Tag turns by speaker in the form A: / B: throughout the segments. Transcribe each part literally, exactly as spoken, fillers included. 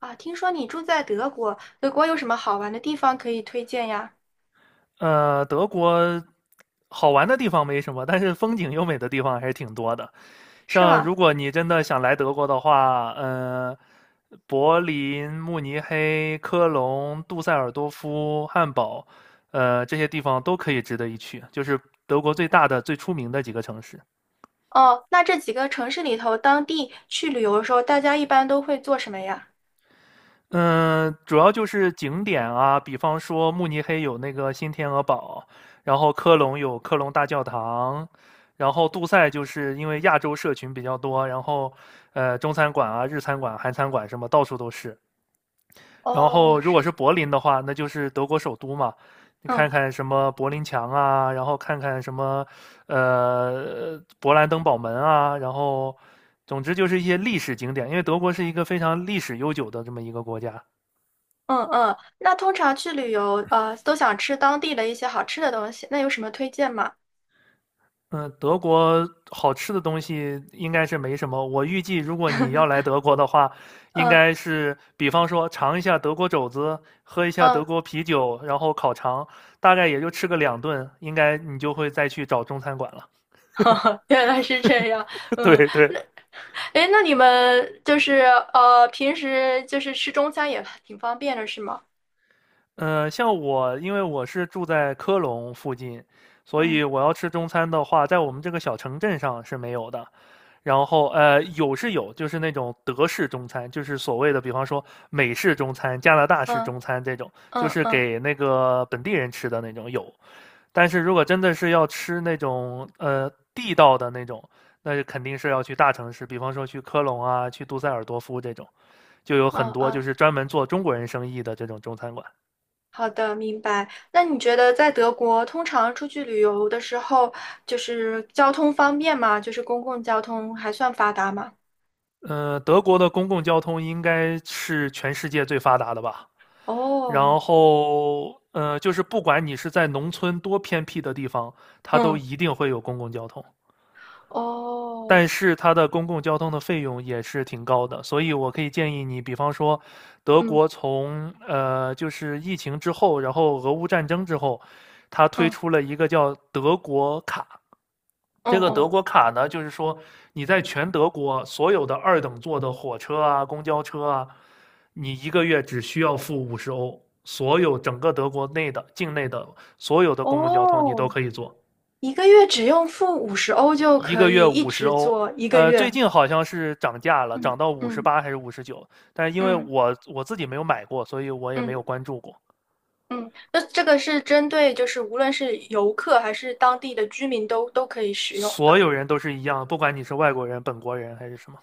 A: 啊，听说你住在德国，德国有什么好玩的地方可以推荐呀？
B: 呃，德国好玩的地方没什么，但是风景优美的地方还是挺多的。
A: 是
B: 像
A: 吗？
B: 如果你真的想来德国的话，呃，柏林、慕尼黑、科隆、杜塞尔多夫、汉堡，呃，这些地方都可以值得一去，就是德国最大的、最出名的几个城市。
A: 哦，那这几个城市里头，当地去旅游的时候，大家一般都会做什么呀？
B: 嗯，主要就是景点啊，比方说慕尼黑有那个新天鹅堡，然后科隆有科隆大教堂，然后杜塞就是因为亚洲社群比较多，然后呃中餐馆啊、日餐馆、韩餐馆什么到处都是。然
A: 哦，
B: 后如
A: 是，
B: 果是柏林的话，那就是德国首都嘛，你看
A: 嗯
B: 看什么柏林墙啊，然后看看什么呃勃兰登堡门啊，然后总之就是一些历史景点，因为德国是一个非常历史悠久的这么一个国家。
A: 嗯嗯，那通常去旅游，呃，都想吃当地的一些好吃的东西，那有什么推荐吗？
B: 嗯，德国好吃的东西应该是没什么。我预计，如果你要来德国的话，应
A: 嗯
B: 该是比方说尝一下德国肘子，喝一下德
A: 嗯，
B: 国啤酒，然后烤肠，大概也就吃个两顿，应该你就会再去找中餐馆了。
A: 原来是这样，嗯，
B: 对对，
A: 诶，那你们就是呃，平时就是吃中餐也挺方便的，是吗？
B: 呃，像我，因为我是住在科隆附近，所
A: 嗯
B: 以我要吃中餐的话，在我们这个小城镇上是没有的。然后，呃，有是有，就是那种德式中餐，就是所谓的，比方说美式中餐、加拿大式
A: 嗯
B: 中餐这种，就
A: 嗯
B: 是
A: 嗯，
B: 给那个本地人吃的那种有。但是如果真的是要吃那种呃地道的那种，那就肯定是要去大城市，比方说去科隆啊、去杜塞尔多夫这种，就有很
A: 嗯嗯。
B: 多就
A: 哦，
B: 是专门做中国人生意的这种中餐馆。
A: 好的，明白。那你觉得在德国通常出去旅游的时候，就是交通方便吗？就是公共交通还算发达吗？
B: 呃，德国的公共交通应该是全世界最发达的吧？
A: 哦，
B: 然后，呃，就是不管你是在农村多偏僻的地方，它都
A: 嗯，
B: 一定会有公共交通。
A: 哦，
B: 但是它的公共交通的费用也是挺高的，所以我可以建议你，比方说，德
A: 嗯
B: 国从呃，就是疫情之后，然后俄乌战争之后，它推
A: 嗯
B: 出了一个叫德国卡，
A: 嗯
B: 这个德
A: 哦
B: 国卡呢，就是说你在全德国所有的二等座的火车啊、公交车啊，你一个月只需要付五十欧，所有整个德国内的境内的所有的公共交通你都
A: 哦，
B: 可以坐，
A: 一个月只用付五十欧就
B: 一
A: 可
B: 个
A: 以
B: 月
A: 一
B: 五十
A: 直
B: 欧。
A: 做一个
B: 呃，最
A: 月。
B: 近好像是涨价了，
A: 嗯
B: 涨到五十
A: 嗯
B: 八还是五十九，但是因为
A: 嗯
B: 我我自己没有买过，所以我也没有
A: 嗯
B: 关注过。
A: 嗯，那这个是针对就是无论是游客还是当地的居民都都可以使用
B: 所
A: 的。
B: 有人都是一样，不管你是外国人、本国人还是什么。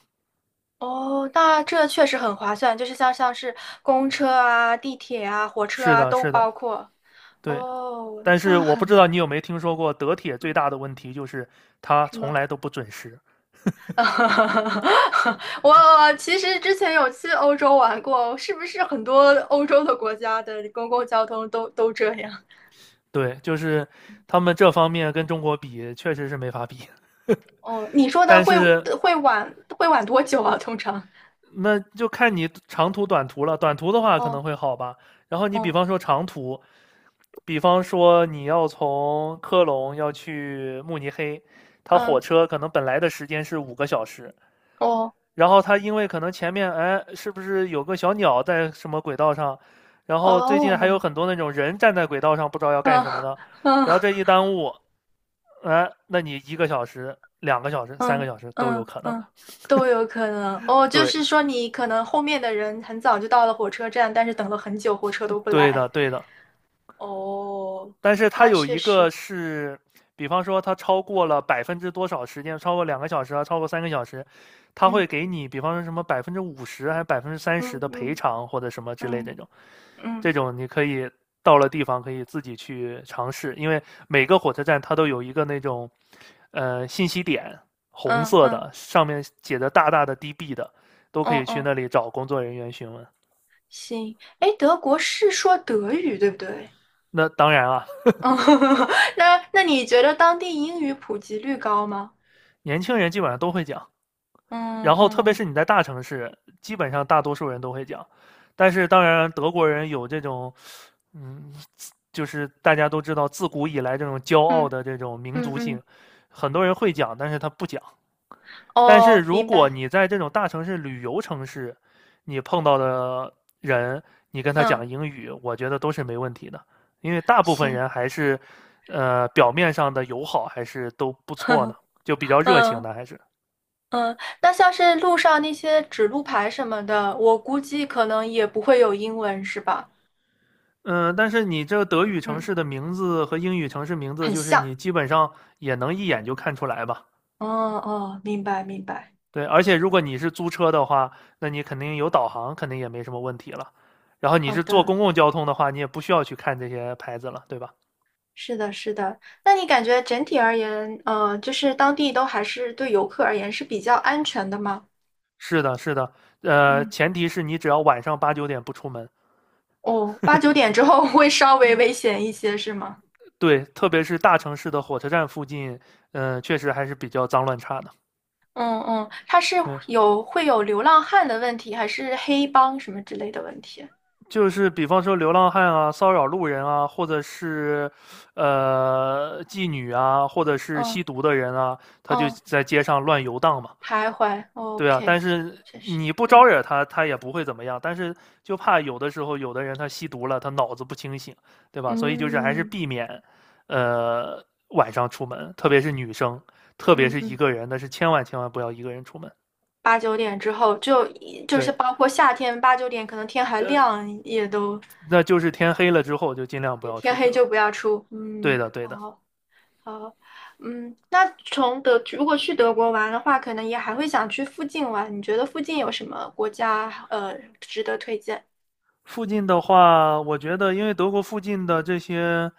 A: 哦，那这确实很划算，就是像像是公车啊、地铁啊、火车
B: 是
A: 啊
B: 的，
A: 都
B: 是的，
A: 包括。
B: 对。
A: 哦，
B: 但是
A: 那
B: 我不
A: 很，
B: 知道你有没有听说过，德铁最
A: 嗯，
B: 大的问题就是它
A: 什
B: 从
A: 么？
B: 来都不准时。
A: 我其实之前有去欧洲玩过，是不是很多欧洲的国家的公共交通都都这样？
B: 对，就是他们这方面跟中国比，确实是没法比。
A: 哦，你说的
B: 但
A: 会
B: 是
A: 会晚会晚多久啊？通常？
B: 那就看你长途、短途了。短途的话可能
A: 哦，
B: 会好吧。然后你比
A: 哦，
B: 方说长途，比方说你要从科隆要去慕尼黑，它火
A: 嗯，
B: 车可能本来的时间是五个小时，
A: 哦，
B: 然后他因为可能前面哎，是不是有个小鸟在什么轨道上？然后最近还有
A: 哦，
B: 很多那种人站在轨道上不知道要干
A: 嗯
B: 什么的，
A: 嗯。
B: 然后这一耽误，哎，那你一个小时、两个小时、三个
A: 嗯
B: 小时都有
A: 嗯
B: 可能。
A: 嗯，都有可能哦。就
B: 对，
A: 是说，你可能后面的人很早就到了火车站，但是等了很久，火车都不
B: 对
A: 来。
B: 的，对的。
A: 哦，
B: 但是它
A: 那
B: 有
A: 确
B: 一个
A: 实，
B: 是，比方说它超过了百分之多少时间，超过两个小时啊，超过三个小时，它
A: 嗯
B: 会给你，比方说什么百分之五十还是百分之三十
A: 嗯
B: 的赔
A: 嗯
B: 偿或者什么之类
A: 嗯
B: 的那种。
A: 嗯
B: 这种你可以到了地方可以自己去尝试，因为每个火车站它都有一个那种呃信息点，红
A: 嗯
B: 色
A: 嗯
B: 的上面写着大大的 D B 的，都可
A: 嗯
B: 以去
A: 嗯，
B: 那里找工作人员询问。
A: 行。哎，德国是说德语对不对？
B: 那当然啊，
A: 嗯，那那你觉得当地英语普及率高吗？
B: 年轻人基本上都会讲，然
A: 嗯
B: 后特别
A: 嗯
B: 是你在大城市，基本上大多数人都会讲。但是当然，德国人有这种，嗯，就是大家都知道，自古以来这种骄傲
A: 嗯
B: 的这种民
A: 嗯
B: 族性，
A: 嗯，
B: 很多人会讲，但是他不讲。但是
A: 哦，
B: 如
A: 明
B: 果
A: 白。
B: 你在这种大城市、旅游城市，你碰到的人，你跟他
A: 嗯，
B: 讲英语，我觉得都是没问题的，因为大部分
A: 行。
B: 人还是，呃，表面上的友好还是都不错呢，就比较热情
A: 嗯
B: 的还是。
A: 嗯，那像是路上那些指路牌什么的，我估计可能也不会有英文，是吧？
B: 嗯，但是你这德语城
A: 嗯，
B: 市的名字和英语城市名字，
A: 很
B: 就是
A: 像。
B: 你基本上也能一眼就看出来吧？
A: 哦哦，明白明白。
B: 对，而且如果你是租车的话，那你肯定有导航，肯定也没什么问题了。然后你
A: 好
B: 是坐
A: 的，
B: 公共交通的话，你也不需要去看这些牌子了，对吧？
A: 是的，是的。那你感觉整体而言，呃，就是当地都还是对游客而言是比较安全的吗？
B: 是的，是的，呃，
A: 嗯，
B: 前提是你只要晚上八九点不出门。
A: 哦，八九点之后 会稍微危险一些，是吗？
B: 对，特别是大城市的火车站附近，嗯、确实还是比较脏乱差的。
A: 嗯嗯，它是
B: 对，
A: 有会有流浪汉的问题，还是黑帮什么之类的问题？
B: 就是比方说流浪汉啊、骚扰路人啊，或者是呃妓女啊，或者是吸
A: 嗯
B: 毒的人啊，他就
A: 嗯。哦，
B: 在街上乱游荡嘛。
A: 徘徊
B: 对啊，但
A: ，OK，
B: 是
A: 确实，
B: 你不招
A: 嗯
B: 惹他，他也不会怎么样。但是就怕有的时候，有的人他吸毒了，他脑子不清醒，对吧？所以就是还是
A: 嗯
B: 避免，呃，晚上出门，特别是女生，特别
A: 嗯
B: 是一
A: 嗯，
B: 个人，那是千万千万不要一个人出门。
A: 八九点之后，就就是
B: 对，
A: 包括夏天八九点，可能天还
B: 呃，
A: 亮，也都
B: 那就是天黑了之后就尽量不
A: 就
B: 要
A: 天
B: 出
A: 黑
B: 去了。
A: 就不要出。
B: 对
A: 嗯，
B: 的，对的。
A: 好，好，嗯，那从德如果去德国玩的话，可能也还会想去附近玩。你觉得附近有什么国家呃值得推荐？
B: 附近的话，我觉得因为德国附近的这些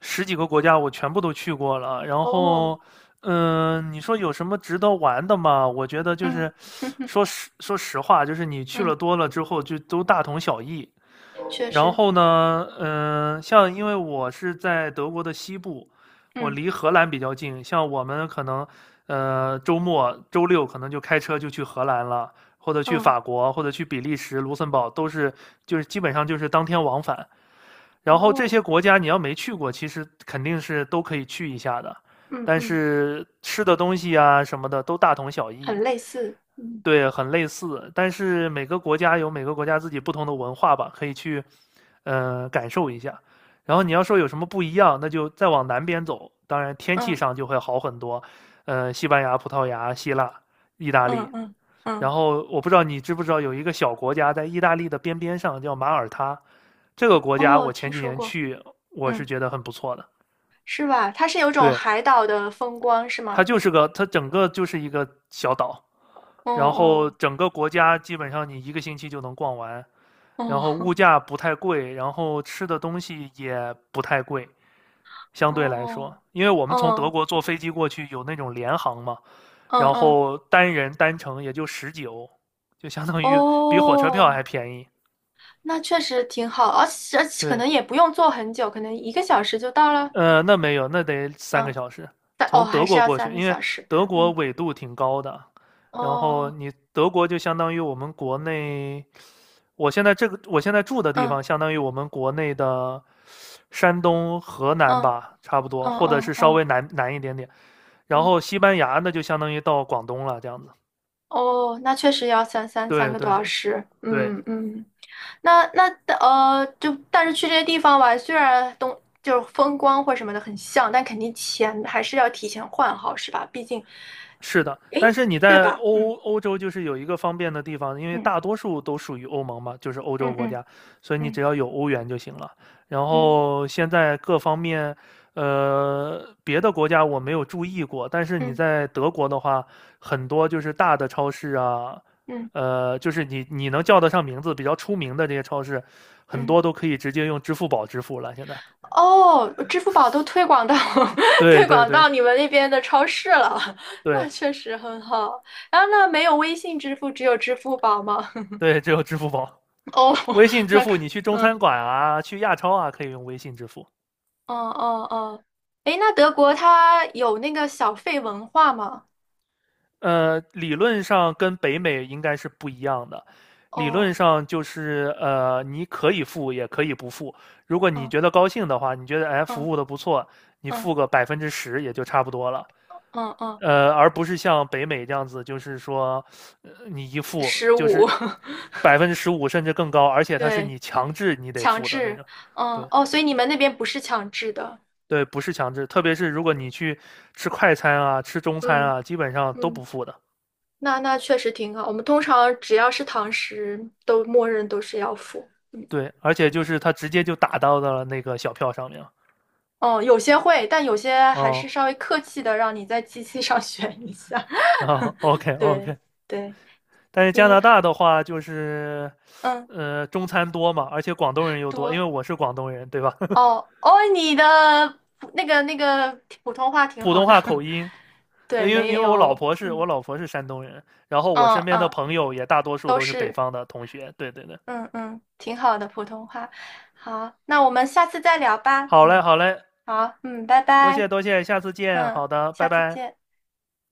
B: 十几个国家我全部都去过了，然
A: 哦，
B: 后，嗯，你说有什么值得玩的吗？我觉得就
A: 嗯，
B: 是，说实说实话，就是你去了
A: 嗯，
B: 多了之后就都大同小异，
A: 确
B: 然
A: 实，
B: 后呢，嗯、像因为我是在德国的西部，我
A: 嗯
B: 离荷兰比较近，像我们可能，呃，周末周六可能就开车就去荷兰了，或者去
A: 嗯，
B: 法国，或者去比利时、卢森堡，都是就是基本上就是当天往返。然后这
A: 哦，
B: 些国家你要没去过，其实肯定是都可以去一下的，
A: 嗯
B: 但
A: 嗯，
B: 是吃的东西啊什么的都大同小
A: 很
B: 异。
A: 类似，嗯
B: 对，很类似，但是每个国家有每个国家自己不同的文化吧，可以去，呃，感受一下。然后你要说有什么不一样，那就再往南边走，当然天气
A: 嗯。
B: 上就会好很多。呃，西班牙、葡萄牙、希腊、意大
A: 嗯
B: 利。
A: 嗯
B: 然
A: 嗯，
B: 后我不知道你知不知道，有一个小国家在意大利的边边上叫马耳他，这个国家
A: 哦，
B: 我
A: 听
B: 前几
A: 说
B: 年
A: 过，
B: 去，我是
A: 嗯，
B: 觉得很不错的。
A: 是吧？它是有种
B: 对，
A: 海岛的风光，是
B: 它
A: 吗？
B: 就是个，它整个就是一个小岛，
A: 哦
B: 然后
A: 哦
B: 整个国家基本上你一个星期就能逛完。然后物
A: 哦
B: 价不太贵，然后吃的东西也不太贵，相对来说，
A: 哦
B: 因为我们从德
A: 哦
B: 国坐飞机过去有那种联航嘛，
A: 嗯
B: 然
A: 嗯
B: 后单人单程也就十九，就相当于比火车票还
A: 哦，
B: 便宜。
A: 那确实挺好，而且而且可
B: 对，
A: 能也不用坐很久，可能一个小时就到了。
B: 呃，那没有，那得三个
A: 嗯，
B: 小时
A: 但哦
B: 从
A: 还
B: 德
A: 是
B: 国
A: 要
B: 过去，
A: 三个
B: 因为
A: 小时。
B: 德国
A: 嗯
B: 纬度挺高的，然后
A: 哦
B: 你德国就相当于我们国内我现在这个我现在住的地
A: 嗯
B: 方，相当于我们国内的山东、河南
A: 嗯
B: 吧，差不多，
A: 嗯
B: 或者
A: 嗯
B: 是稍微
A: 嗯
B: 南南一点点。然
A: 嗯
B: 后西班牙那就相当于到广东了，这样子。
A: 哦，那确实要三三三
B: 对
A: 个多
B: 对
A: 小
B: 对
A: 时。
B: 对，
A: 嗯嗯。那那呃，就但是去这些地方吧，虽然东就是风光或什么的很像，但肯定钱还是要提前换好，是吧？毕竟，
B: 是的，但
A: 诶，
B: 是你
A: 对
B: 在
A: 吧？嗯
B: 欧欧洲就是有一个方便的地方，因为
A: 嗯
B: 大多数都属于欧盟嘛，就是欧洲
A: 嗯
B: 国
A: 嗯
B: 家，所以你只
A: 嗯
B: 要有欧元就行了。然
A: 嗯
B: 后现在各方面，呃，别的国家我没有注意过，但是你
A: 嗯
B: 在德国的话，很多就是大的超市啊，
A: 嗯
B: 呃，就是你你能叫得上名字比较出名的这些超市，很
A: 嗯。
B: 多都可以直接用支付宝支付了。现在，
A: 哦，支付宝都推广到
B: 对
A: 推
B: 对
A: 广
B: 对
A: 到你们那边的超市了，那
B: 对
A: 确实很好。然后那没有微信支付，只有支付宝吗？
B: 对，只有支付宝。
A: 哦，
B: 微信支
A: 那
B: 付，
A: 看，
B: 你去中
A: 嗯
B: 餐馆啊，去亚超啊，可以用微信支付。
A: 哦哦哦，诶，那德国它有那个小费文化吗？
B: 呃，理论上跟北美应该是不一样的。理论
A: 哦，
B: 上就是呃，你可以付，也可以不付。如果你
A: 嗯
B: 觉得高兴的话，你觉得哎
A: 嗯
B: 服务的不错，你
A: 嗯
B: 付个百分之十也就差不多了。
A: 嗯嗯，
B: 呃，而不是像北美这样子，就是说呃你一付
A: 十
B: 就
A: 五，
B: 是 百分之十五甚至更高，而且它是
A: 对，
B: 你强制你得
A: 强
B: 付的那
A: 制，
B: 种。
A: 嗯
B: 对，
A: 哦，所以你们那边不是强制的，
B: 对，不是强制，特别是如果你去吃快餐啊、吃中餐
A: 嗯
B: 啊，基本上都
A: 嗯，
B: 不付的。
A: 那那确实挺好。我们通常只要是堂食，都默认都是要付。
B: 对，而且就是它直接就打到了那个小票上面了。
A: 哦，有些会，但有些还
B: 哦，
A: 是稍微客气的，让你在机器上 选一下。
B: 后 o k
A: 对
B: OK。
A: 对，
B: 但是加
A: 您
B: 拿大的话，就是
A: 嗯
B: 呃中餐多嘛，而且广东人又多，因为
A: 多。
B: 我是广东人，对吧？
A: 哦哦，你的普那个那个普通话挺
B: 普
A: 好
B: 通
A: 的，
B: 话口 音，呃
A: 对，
B: 因为
A: 没
B: 因为我老
A: 有，
B: 婆是我
A: 嗯
B: 老婆是山东人，然后我
A: 嗯
B: 身边的
A: 嗯，
B: 朋友也大多数
A: 都
B: 都是北
A: 是，
B: 方的同学。对对对，
A: 嗯嗯，挺好的普通话。好，那我们下次再聊吧。
B: 好嘞
A: 嗯，
B: 好嘞，
A: 好，嗯，拜
B: 多
A: 拜，
B: 谢多谢，下次见。
A: 嗯，
B: 好的，
A: 下
B: 拜
A: 次
B: 拜。
A: 见。